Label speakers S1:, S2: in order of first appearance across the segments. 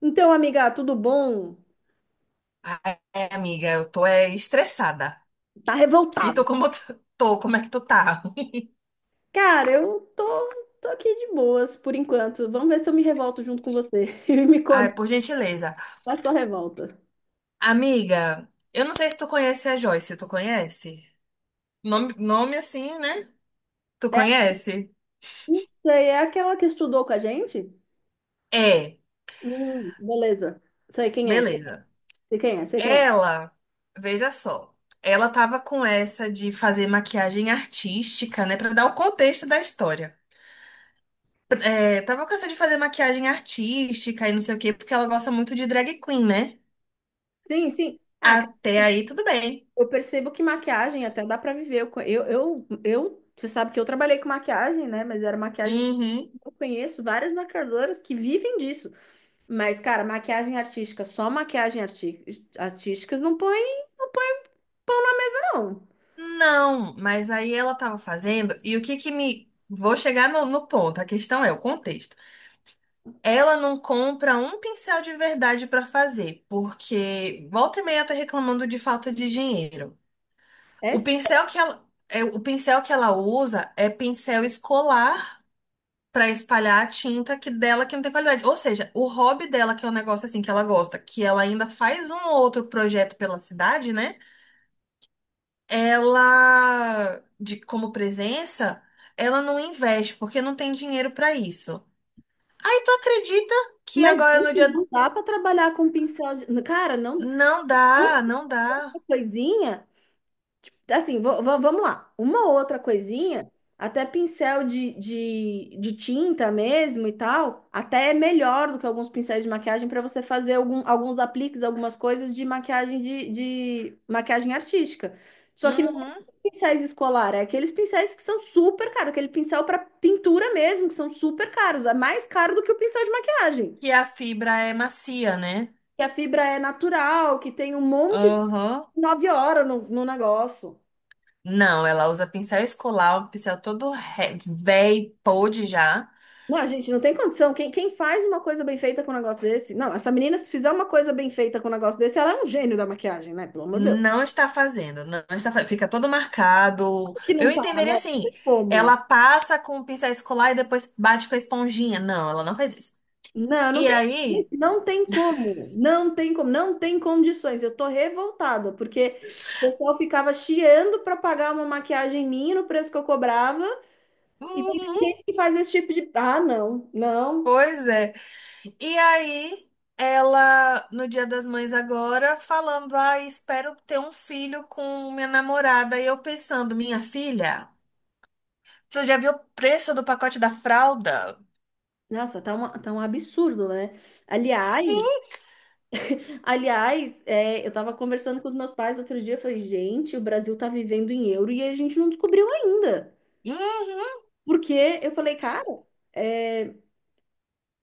S1: Então, amiga, tudo bom?
S2: Ai, amiga, eu tô estressada.
S1: Tá
S2: E
S1: revoltada.
S2: tô tô, como é que tu tá?
S1: Cara, eu tô aqui de boas por enquanto. Vamos ver se eu me revolto junto com você. E me conte,
S2: Ai, por gentileza.
S1: qual é a sua revolta?
S2: Amiga, eu não sei se tu conhece a Joyce, tu conhece? Nome assim, né? Tu conhece?
S1: Essa aí é aquela que estudou com a gente?
S2: É,
S1: Beleza. Sei quem é, sei
S2: beleza.
S1: quem é, sei quem é.
S2: Ela, veja só, ela tava com essa de fazer maquiagem artística, né? Pra dar o contexto da história. É, tava com essa de fazer maquiagem artística e não sei o quê, porque ela gosta muito de drag queen, né?
S1: Sim, sim. Ah, cara,
S2: Até aí, tudo bem.
S1: eu percebo que maquiagem até dá pra viver. Eu você sabe que eu trabalhei com maquiagem, né? Mas era maquiagem.
S2: Uhum.
S1: Eu conheço várias maquiadoras que vivem disso. Mas, cara, maquiagem artística, só maquiagem artísticas não põe, não põe, não.
S2: Não, mas aí ela tava fazendo, e o que que me. Vou chegar no ponto, a questão é o contexto. Ela não compra um pincel de verdade pra fazer, porque volta e meia tá reclamando de falta de dinheiro.
S1: É
S2: O
S1: sério.
S2: pincel que o pincel que ela usa é pincel escolar pra espalhar a tinta que dela que não tem qualidade. Ou seja, o hobby dela, que é um negócio assim que ela gosta, que ela ainda faz um ou outro projeto pela cidade, né? Ela, de como presença, ela não investe porque não tem dinheiro para isso. Aí tu acredita que
S1: Mas,
S2: agora no
S1: gente,
S2: dia
S1: não dá pra trabalhar com pincel de. Cara, não.
S2: não
S1: Uma
S2: dá, não dá.
S1: coisinha, tipo, assim, vamos lá. Uma outra coisinha, até pincel de tinta mesmo e tal, até é melhor do que alguns pincéis de maquiagem para você fazer algum, alguns apliques, algumas coisas de maquiagem de maquiagem artística. Só que não é
S2: Uhum.
S1: pincéis escolar, é aqueles pincéis que são super caros, aquele pincel para pintura mesmo, que são super caros, é mais caro do que o pincel de maquiagem.
S2: Que a fibra é macia, né?
S1: Que a fibra é natural, que tem um monte de
S2: Uhum.
S1: nove horas no negócio.
S2: Não, ela usa pincel escolar, um pincel velho, podre já.
S1: Não, a gente não tem condição. Quem faz uma coisa bem feita com um negócio desse? Não, essa menina, se fizer uma coisa bem feita com um negócio desse, ela é um gênio da maquiagem, né? Pelo amor de Deus.
S2: Não está fazendo, não está, fa- fica todo marcado.
S1: Sabe que não
S2: Eu
S1: tá, né?
S2: entenderia
S1: Não tem
S2: assim,
S1: como.
S2: ela passa com o pincel escolar e depois bate com a esponjinha. Não, ela não faz isso.
S1: Não, não
S2: E
S1: tem,
S2: aí?
S1: gente, não tem como. Não tem como. Não tem condições. Eu tô revoltada, porque o pessoal ficava chiando para pagar uma maquiagem minha no preço que eu cobrava. E tem
S2: Uhum,
S1: gente que faz esse tipo de. Ah, não, não.
S2: pois é. E aí, ela, no Dia das Mães agora, falando, ah, espero ter um filho com minha namorada. E eu pensando, minha filha, você já viu o preço do pacote da fralda?
S1: Nossa, tá um absurdo, né? Aliás.
S2: Sim.
S1: É, eu estava conversando com os meus pais outro dia, eu falei, gente, o Brasil está vivendo em euro e a gente não descobriu ainda.
S2: Uhum.
S1: Porque eu falei, cara, é,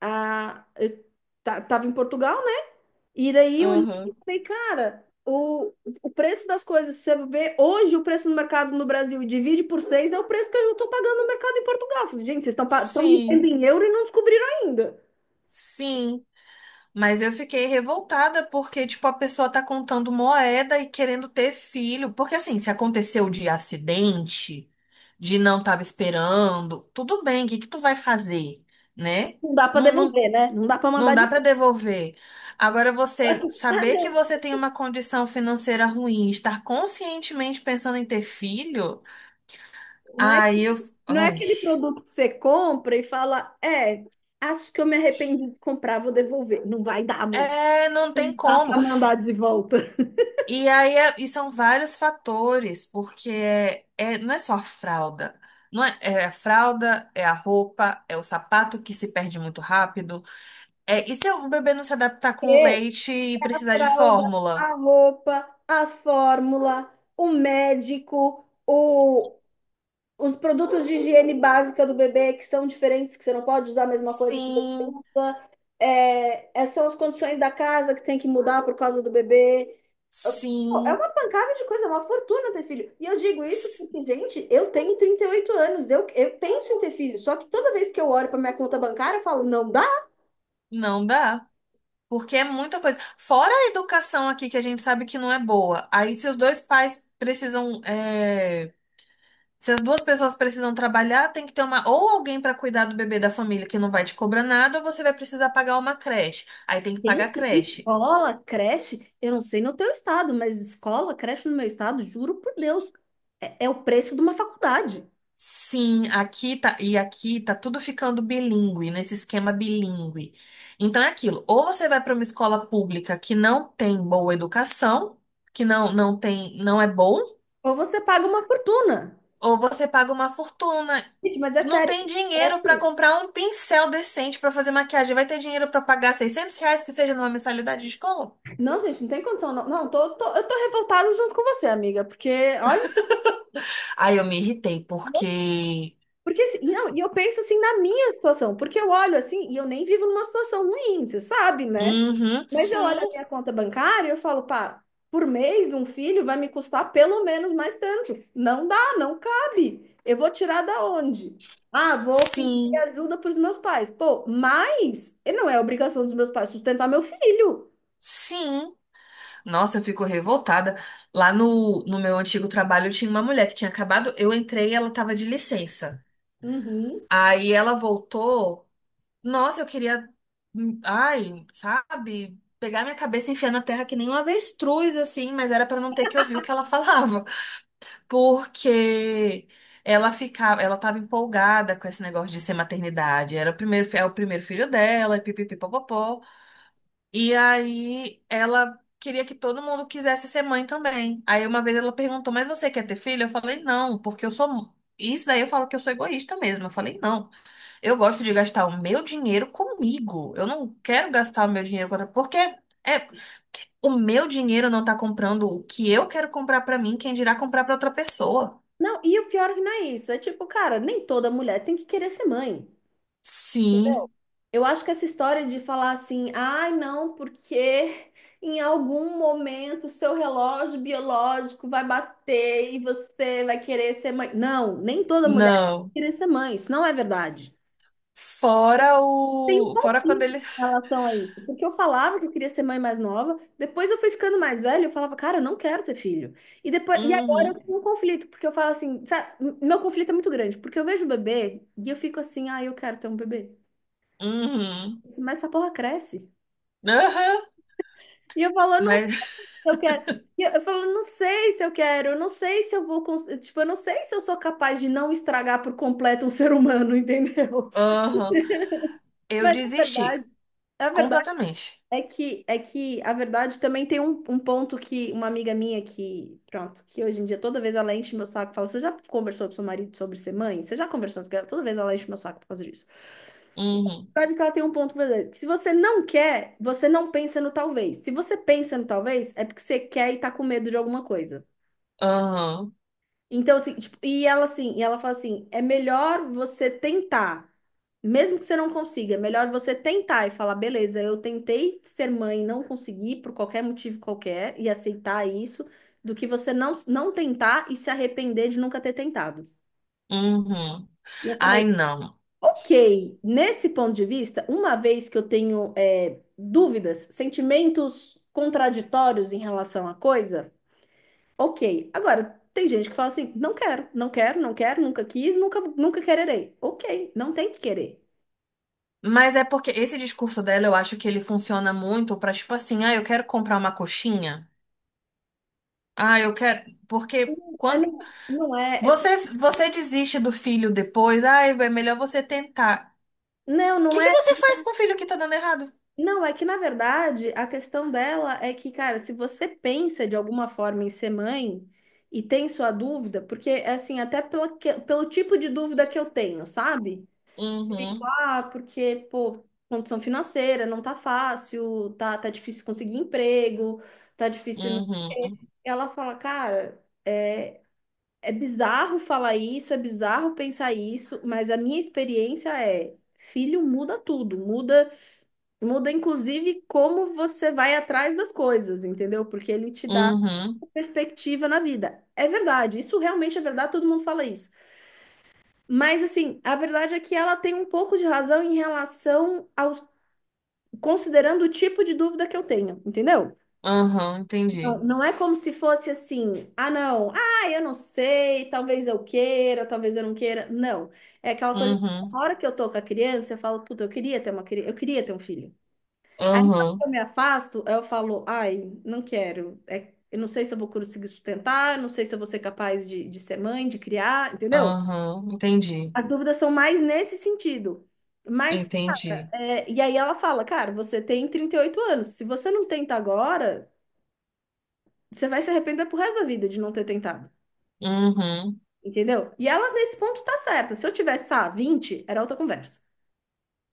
S1: eu tava em Portugal, né? E daí eu olhei e
S2: Uhum.
S1: falei, cara, o preço das coisas, se você vê hoje o preço no mercado no Brasil e divide por seis, é o preço que eu estou pagando no mercado em Portugal. Eu falei, gente, vocês estão vivendo
S2: Sim.
S1: em euro e não descobriram ainda.
S2: Sim. Mas eu fiquei revoltada porque, tipo, a pessoa tá contando moeda e querendo ter filho. Porque, assim, se aconteceu de acidente, de não tava esperando, tudo bem, o que que tu vai fazer, né?
S1: Não dá para
S2: Não, não,
S1: devolver, né? Não dá para
S2: não
S1: mandar de
S2: dá pra devolver. Agora, você
S1: volta.
S2: saber que você tem uma condição financeira ruim, estar conscientemente pensando em ter filho,
S1: Não é,
S2: aí eu.
S1: não é
S2: Ai.
S1: aquele produto que você compra e fala, é, acho que eu me arrependi de comprar, vou devolver. Não vai dar, moça.
S2: É, não tem
S1: Não dá
S2: como.
S1: para mandar de volta.
S2: E aí e são vários fatores, porque não é só a fralda. Não é, é a fralda, é a roupa, é o sapato que se perde muito rápido. É, e se o bebê não se adaptar com leite e
S1: A
S2: precisar de
S1: fralda,
S2: fórmula?
S1: a roupa, a fórmula, o médico, os produtos de higiene básica do bebê que são diferentes, que você não pode usar a mesma coisa que você
S2: Sim,
S1: usa. É, essas são as condições da casa que tem que mudar por causa do bebê. Pô, é
S2: sim,
S1: uma pancada de coisa, é uma fortuna ter filho. E eu digo isso
S2: sim.
S1: porque, gente, eu tenho 38 anos, eu penso em ter filho, só que toda vez que eu olho para minha conta bancária, eu falo, não dá.
S2: Não dá. Porque é muita coisa. Fora a educação aqui, que a gente sabe que não é boa. Aí, se os dois pais precisam. É, se as duas pessoas precisam trabalhar, tem que ter uma ou alguém para cuidar do bebê da família que não vai te cobrar nada, ou você vai precisar pagar uma creche. Aí tem que pagar a
S1: Gente,
S2: creche.
S1: escola, creche, eu não sei no teu estado, mas escola, creche no meu estado, juro por Deus, é o preço de uma faculdade.
S2: Sim, aqui tá e aqui tá tudo ficando bilíngue, nesse esquema bilíngue. Então é aquilo, ou você vai para uma escola pública que não tem boa educação, que não tem, não é bom,
S1: Ou você paga uma fortuna.
S2: ou você paga uma fortuna.
S1: Gente, mas é
S2: Não
S1: sério.
S2: tem
S1: É
S2: dinheiro para
S1: assim.
S2: comprar um pincel decente para fazer maquiagem. Vai ter dinheiro para pagar 600 reais que seja numa mensalidade de escola?
S1: Não, gente, não tem condição. Não, eu tô revoltada junto com você, amiga, porque olha.
S2: Aí eu me irritei, porque.
S1: Porque, assim, não, e eu penso assim na minha situação, porque eu olho assim e eu nem vivo numa situação ruim, você sabe, né?
S2: Uhum,
S1: Mas eu olho a
S2: sim,
S1: minha conta bancária e eu falo, pá, por mês um filho vai me custar pelo menos mais tanto. Não dá, não cabe. Eu vou tirar da onde? Ah, vou pedir
S2: sim,
S1: ajuda para os meus pais. Pô, mas e não é obrigação dos meus pais sustentar meu filho.
S2: sim. Nossa, eu fico revoltada. Lá no meu antigo trabalho tinha uma mulher que tinha acabado. Eu entrei e ela tava de licença.
S1: Uhum.
S2: Aí ela voltou. Nossa, eu queria. Ai, sabe? Pegar minha cabeça e enfiar na terra que nem um avestruz, assim, mas era pra não ter que ouvir o que ela falava. Porque ela ficava, ela estava empolgada com esse negócio de ser maternidade. Era o é o primeiro filho dela, e pipipipopopó. E aí ela queria que todo mundo quisesse ser mãe também. Aí uma vez ela perguntou: "Mas você quer ter filho?" Eu falei: "Não, porque eu sou Isso daí eu falo que eu sou egoísta mesmo. Eu falei, não, eu gosto de gastar o meu dinheiro comigo. Eu não quero gastar o meu dinheiro com outra. Porque é, o meu dinheiro não tá comprando o que eu quero comprar pra mim, quem dirá comprar pra outra pessoa.
S1: Não, e o pior que não é isso. É tipo, cara, nem toda mulher tem que querer ser mãe.
S2: Sim,
S1: Eu acho que essa história de falar assim, ai não, porque em algum momento o seu relógio biológico vai bater e você vai querer ser mãe. Não, nem toda mulher vai
S2: não.
S1: querer ser mãe, isso não é verdade.
S2: Fora
S1: Tem um
S2: o. Fora quando
S1: conflito
S2: ele.
S1: em relação a isso, porque eu falava que eu queria ser mãe mais nova, depois eu fui ficando mais velha, eu falava, cara, eu não quero ter filho. E agora eu
S2: Uhum,
S1: tenho um conflito, porque eu falo assim, sabe, meu conflito é muito grande, porque eu vejo o bebê e eu fico assim, ah, eu quero ter um bebê.
S2: uhum,
S1: Mas essa porra cresce.
S2: aham,
S1: E eu falo, eu não.
S2: mas.
S1: Eu quero. E eu falo, não sei se eu quero, eu não sei se eu vou, tipo, eu não sei se eu sou capaz de não estragar por completo um ser humano, entendeu?
S2: Aham. Eu
S1: Mas
S2: desisti
S1: a verdade
S2: completamente.
S1: é que a verdade também tem um ponto que uma amiga minha que, pronto, que hoje em dia toda vez ela enche meu saco, e fala, você já conversou com seu marido sobre ser mãe? Você já conversou com ela? Toda vez ela enche meu saco por causa disso.
S2: Uhum,
S1: A verdade é que ela tem um ponto verdadeiro, que se você não quer, você não pensa no talvez. Se você pensa no talvez, é porque você quer e tá com medo de alguma coisa.
S2: aham,
S1: Então, assim, tipo, e ela fala assim: é melhor você tentar, mesmo que você não consiga, é melhor você tentar e falar, beleza, eu tentei ser mãe, e não consegui por qualquer motivo qualquer, e aceitar isso, do que você não tentar e se arrepender de nunca ter tentado.
S2: uhum.
S1: E eu
S2: Ai,
S1: falei,
S2: não.
S1: ok, nesse ponto de vista, uma vez que eu tenho é, dúvidas, sentimentos contraditórios em relação à coisa. Ok. Agora, tem gente que fala assim: não quero, não quero, não quero, nunca quis, nunca, nunca quererei. Ok, não tem que querer.
S2: Mas é porque esse discurso dela, eu acho que ele funciona muito pra, tipo assim, ah, eu quero comprar uma coxinha. Ah, eu quero. Porque
S1: É,
S2: quando.
S1: não, não é, é-.
S2: Você, você desiste do filho depois, ah, é melhor você tentar.
S1: Não, não
S2: Que
S1: é.
S2: você faz com o filho que tá dando errado?
S1: Não, é que na verdade a questão dela é que, cara, se você pensa de alguma forma em ser mãe e tem sua dúvida, porque assim, até pelo tipo de dúvida que eu tenho, sabe? Fico,
S2: Uhum,
S1: ah, porque, pô, condição financeira não tá fácil, tá difícil conseguir emprego, tá difícil. Não.
S2: uhum,
S1: Ela fala, cara. É bizarro falar isso, é bizarro pensar isso, mas a minha experiência é, filho muda tudo, muda, muda inclusive como você vai atrás das coisas, entendeu? Porque ele te dá
S2: uhum,
S1: uma perspectiva na vida. É verdade, isso realmente é verdade, todo mundo fala isso. Mas assim, a verdade é que ela tem um pouco de razão em relação aos, considerando o tipo de dúvida que eu tenho, entendeu?
S2: uhum,
S1: Não,
S2: entendi.
S1: não é como se fosse assim, ah, não, ah, eu não sei, talvez eu queira, talvez eu não queira. Não. É aquela coisa assim,
S2: Uhum,
S1: na hora que eu tô com a criança, eu falo, puta, eu queria ter uma criança, eu queria ter um filho. Aí na hora que
S2: uhum,
S1: eu me afasto, eu falo, ai, não quero. É, eu não sei se eu vou conseguir sustentar, não sei se eu vou ser capaz de ser mãe, de criar, entendeu?
S2: uhum, entendi,
S1: As dúvidas são mais nesse sentido. Mas,
S2: entendi.
S1: é, e aí ela fala, cara, você tem 38 anos, se você não tenta agora, você vai se arrepender pro resto da vida de não ter tentado.
S2: Uhum,
S1: Entendeu? E ela, nesse ponto, tá certa. Se eu tivesse, ah, 20 era outra conversa.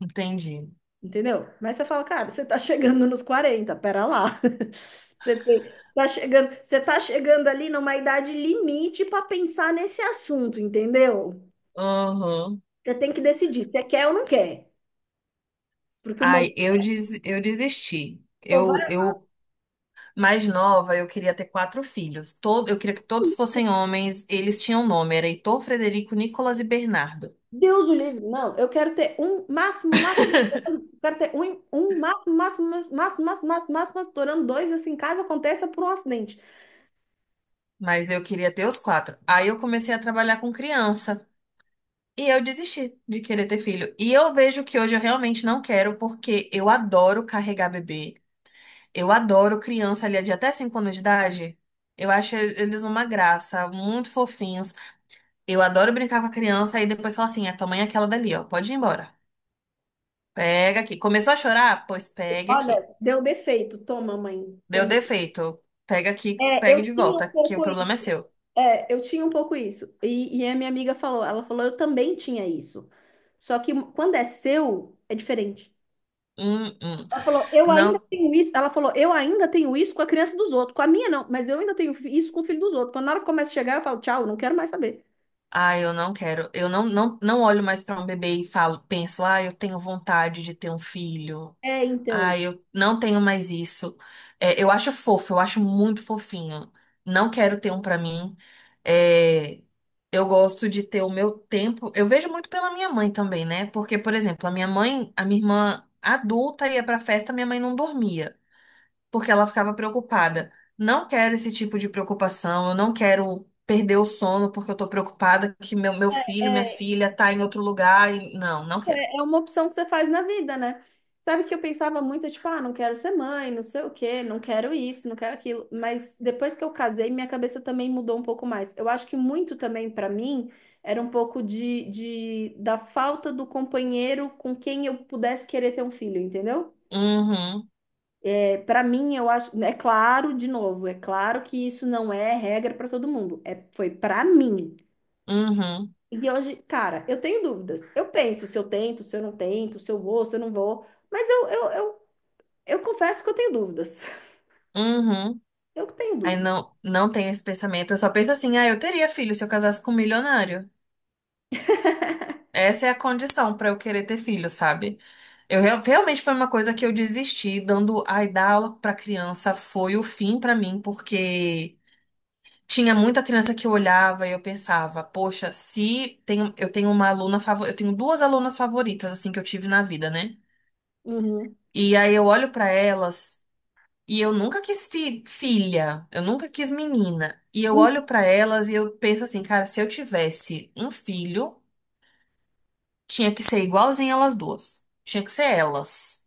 S2: entendi.
S1: Entendeu? Mas você fala, cara, você tá chegando nos 40 pera lá. Você tá chegando ali numa idade limite para pensar nesse assunto, entendeu?
S2: Uhum.
S1: Você tem que decidir se quer ou não quer. Porque o momento
S2: Eu desisti.
S1: vai.
S2: Mais nova, eu queria ter quatro filhos. Todo, eu queria que todos fossem homens. Eles tinham nome, era Heitor, Frederico, Nicolas e Bernardo.
S1: Deus o livre. Não, eu quero ter um máximo, máximo, estourando, eu quero ter um máximo, máximo, máximo, máximo, máximo, máximo, estourando dois, assim, caso aconteça por um acidente.
S2: Mas eu queria ter os quatro. Aí eu comecei a trabalhar com criança. E eu desisti de querer ter filho. E eu vejo que hoje eu realmente não quero, porque eu adoro carregar bebê. Eu adoro criança ali de até 5 anos de idade. Eu acho eles uma graça, muito fofinhos. Eu adoro brincar com a criança e depois falar assim: a tua mãe é aquela dali, ó, pode ir embora. Pega aqui. Começou a chorar? Pois pegue
S1: Olha,
S2: aqui.
S1: deu defeito, toma, mãe. Que é.
S2: Deu defeito? Pega aqui,
S1: É,
S2: pegue
S1: eu
S2: de
S1: tinha
S2: volta,
S1: um
S2: que o
S1: pouco
S2: problema é
S1: isso.
S2: seu.
S1: É, eu tinha um pouco isso. E a minha amiga falou, ela falou, eu também tinha isso. Só que quando é seu, é diferente.
S2: Hum, hum.
S1: Ela falou, eu ainda
S2: Não.
S1: tenho isso. Ela falou, eu ainda tenho isso com a criança dos outros. Com a minha, não, mas eu ainda tenho isso com o filho dos outros. Quando na hora que começa a chegar, eu falo, tchau, não quero mais saber.
S2: Ah, eu não quero. Eu não, não, não olho mais para um bebê e falo, penso, ah, eu tenho vontade de ter um filho.
S1: É, então.
S2: Ah, eu não tenho mais isso. É, eu acho fofo, eu acho muito fofinho. Não quero ter um para mim. É, eu gosto de ter o meu tempo. Eu vejo muito pela minha mãe também, né? Porque, por exemplo, a minha mãe, a minha irmã adulta ia pra festa, minha mãe não dormia porque ela ficava preocupada. Não quero esse tipo de preocupação, eu não quero perder o sono porque eu tô preocupada que meu filho, minha filha tá em outro lugar. Não, não quero.
S1: É uma opção que você faz na vida, né? Sabe que eu pensava muito, tipo, ah, não quero ser mãe, não sei o quê, não quero isso, não quero aquilo. Mas depois que eu casei, minha cabeça também mudou um pouco mais. Eu acho que muito também pra mim era um pouco de, da falta do companheiro com quem eu pudesse querer ter um filho, entendeu?
S2: Uhum,
S1: É, para mim, eu acho, é claro, de novo, é claro que isso não é regra pra todo mundo. É, foi pra mim.
S2: uhum,
S1: E hoje, cara, eu tenho dúvidas. Eu penso se eu tento, se eu não tento, se eu vou, se eu não vou. Mas eu confesso que eu tenho dúvidas.
S2: uhum.
S1: Eu tenho
S2: Aí
S1: dúvidas.
S2: não, não tenho esse pensamento. Eu só penso assim, ah, eu teria filho se eu casasse com um milionário. Essa é a condição pra eu querer ter filho, sabe? Eu realmente foi uma coisa que eu desisti, dando ai dar aula pra criança foi o fim pra mim, porque tinha muita criança que eu olhava e eu pensava, poxa, se tenho, eu tenho uma aluna favorita, eu tenho duas alunas favoritas assim que eu tive na vida, né?
S1: Uhum.
S2: E aí eu olho pra elas e eu nunca quis filha, eu nunca quis menina. E eu olho pra elas e eu penso assim, cara, se eu tivesse um filho, tinha que ser igualzinho elas duas. Tinha que ser elas,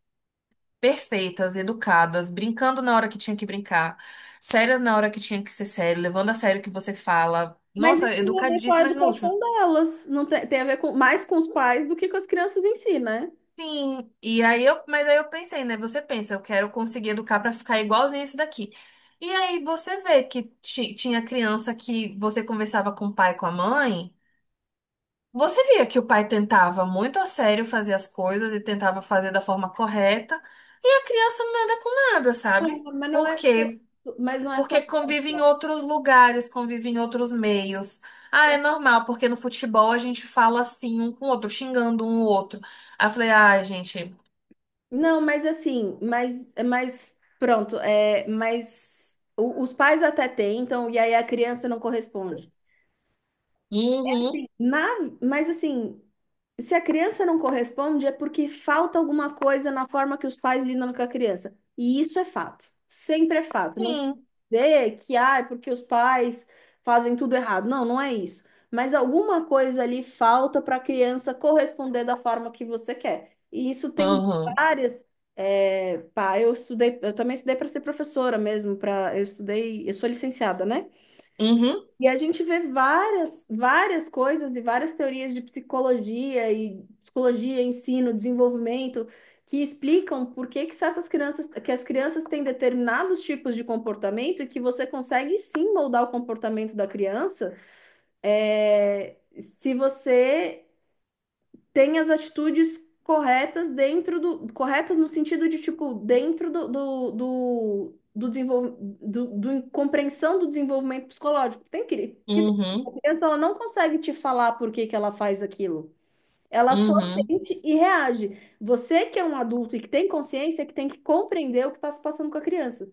S2: perfeitas, educadas, brincando na hora que tinha que brincar, sérias na hora que tinha que ser sério, levando a sério o que você fala.
S1: Mas
S2: Nossa,
S1: isso tem a ver com a
S2: educadíssimas no último.
S1: educação delas. Não tem, tem a ver com, mais com os pais do que com as crianças em si, né?
S2: Sim, e aí eu, mas aí eu pensei, né? Você pensa, eu quero conseguir educar pra ficar igualzinho isso daqui. E aí você vê que tinha criança que você conversava com o pai, e com a mãe, você via que o pai tentava muito a sério fazer as coisas e tentava fazer da forma correta, e a criança nada com nada,
S1: Ah,
S2: sabe?
S1: mas não
S2: Por
S1: é só
S2: quê?
S1: isso, mas não é só
S2: Porque convive em
S1: isso.
S2: outros lugares, convive em outros meios. Ah, é normal, porque no futebol a gente fala assim um com o outro, xingando um o outro. Aí eu falei, ah gente.
S1: Não, mas assim, mas pronto, é, mas os pais até tentam e aí a criança não corresponde.
S2: Uhum,
S1: Sim. Na, mas assim, se a criança não corresponde, é porque falta alguma coisa na forma que os pais lidam com a criança. E isso é fato. Sempre é fato. Não quer
S2: sim.
S1: dizer que, ah, é porque os pais fazem tudo errado. Não, não é isso. Mas alguma coisa ali falta para a criança corresponder da forma que você quer. E isso tem
S2: Aham.
S1: várias. É, pá, eu estudei, eu também estudei para ser professora mesmo, para, eu estudei, eu sou licenciada, né?
S2: Uhum,
S1: E a gente vê várias, várias coisas e várias teorias de psicologia e psicologia, ensino, desenvolvimento que explicam por que que certas crianças, que as crianças têm determinados tipos de comportamento e que você consegue sim moldar o comportamento da criança, é, se você tem as atitudes corretas dentro do, corretas no sentido de, tipo, dentro do desenvolvimento, compreensão do desenvolvimento psicológico. Tem que, porque tem- a
S2: uhum,
S1: criança, ela não consegue te falar por que que ela faz aquilo. Ela só
S2: uhum,
S1: sente e reage. Você que é um adulto e que tem consciência, é que tem que compreender o que está se passando com a criança.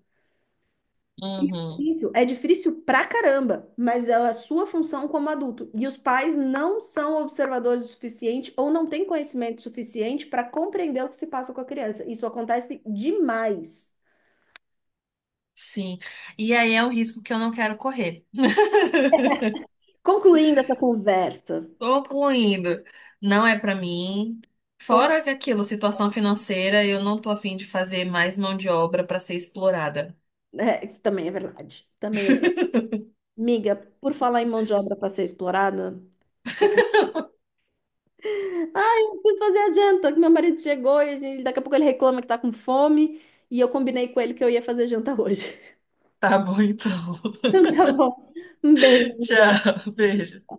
S2: uhum.
S1: Difícil, é difícil pra caramba, mas é a sua função como adulto. E os pais não são observadores o suficiente ou não têm conhecimento suficiente para compreender o que se passa com a criança. Isso acontece demais.
S2: Sim. E aí é o risco que eu não quero correr.
S1: Concluindo essa conversa,
S2: Concluindo, não é pra mim.
S1: con-
S2: Fora que aquilo, situação financeira, eu não tô afim de fazer mais mão de obra pra ser explorada.
S1: isso também é verdade. Também é verdade. Amiga, por falar em mão de obra para ser explorada, ai, eu preciso fazer a janta, que meu marido chegou e daqui a pouco ele reclama que tá com fome e eu combinei com ele que eu ia fazer janta hoje.
S2: Tá bom, então.
S1: Então tá bom. Um beijo, amiga.
S2: Tchau, beijo.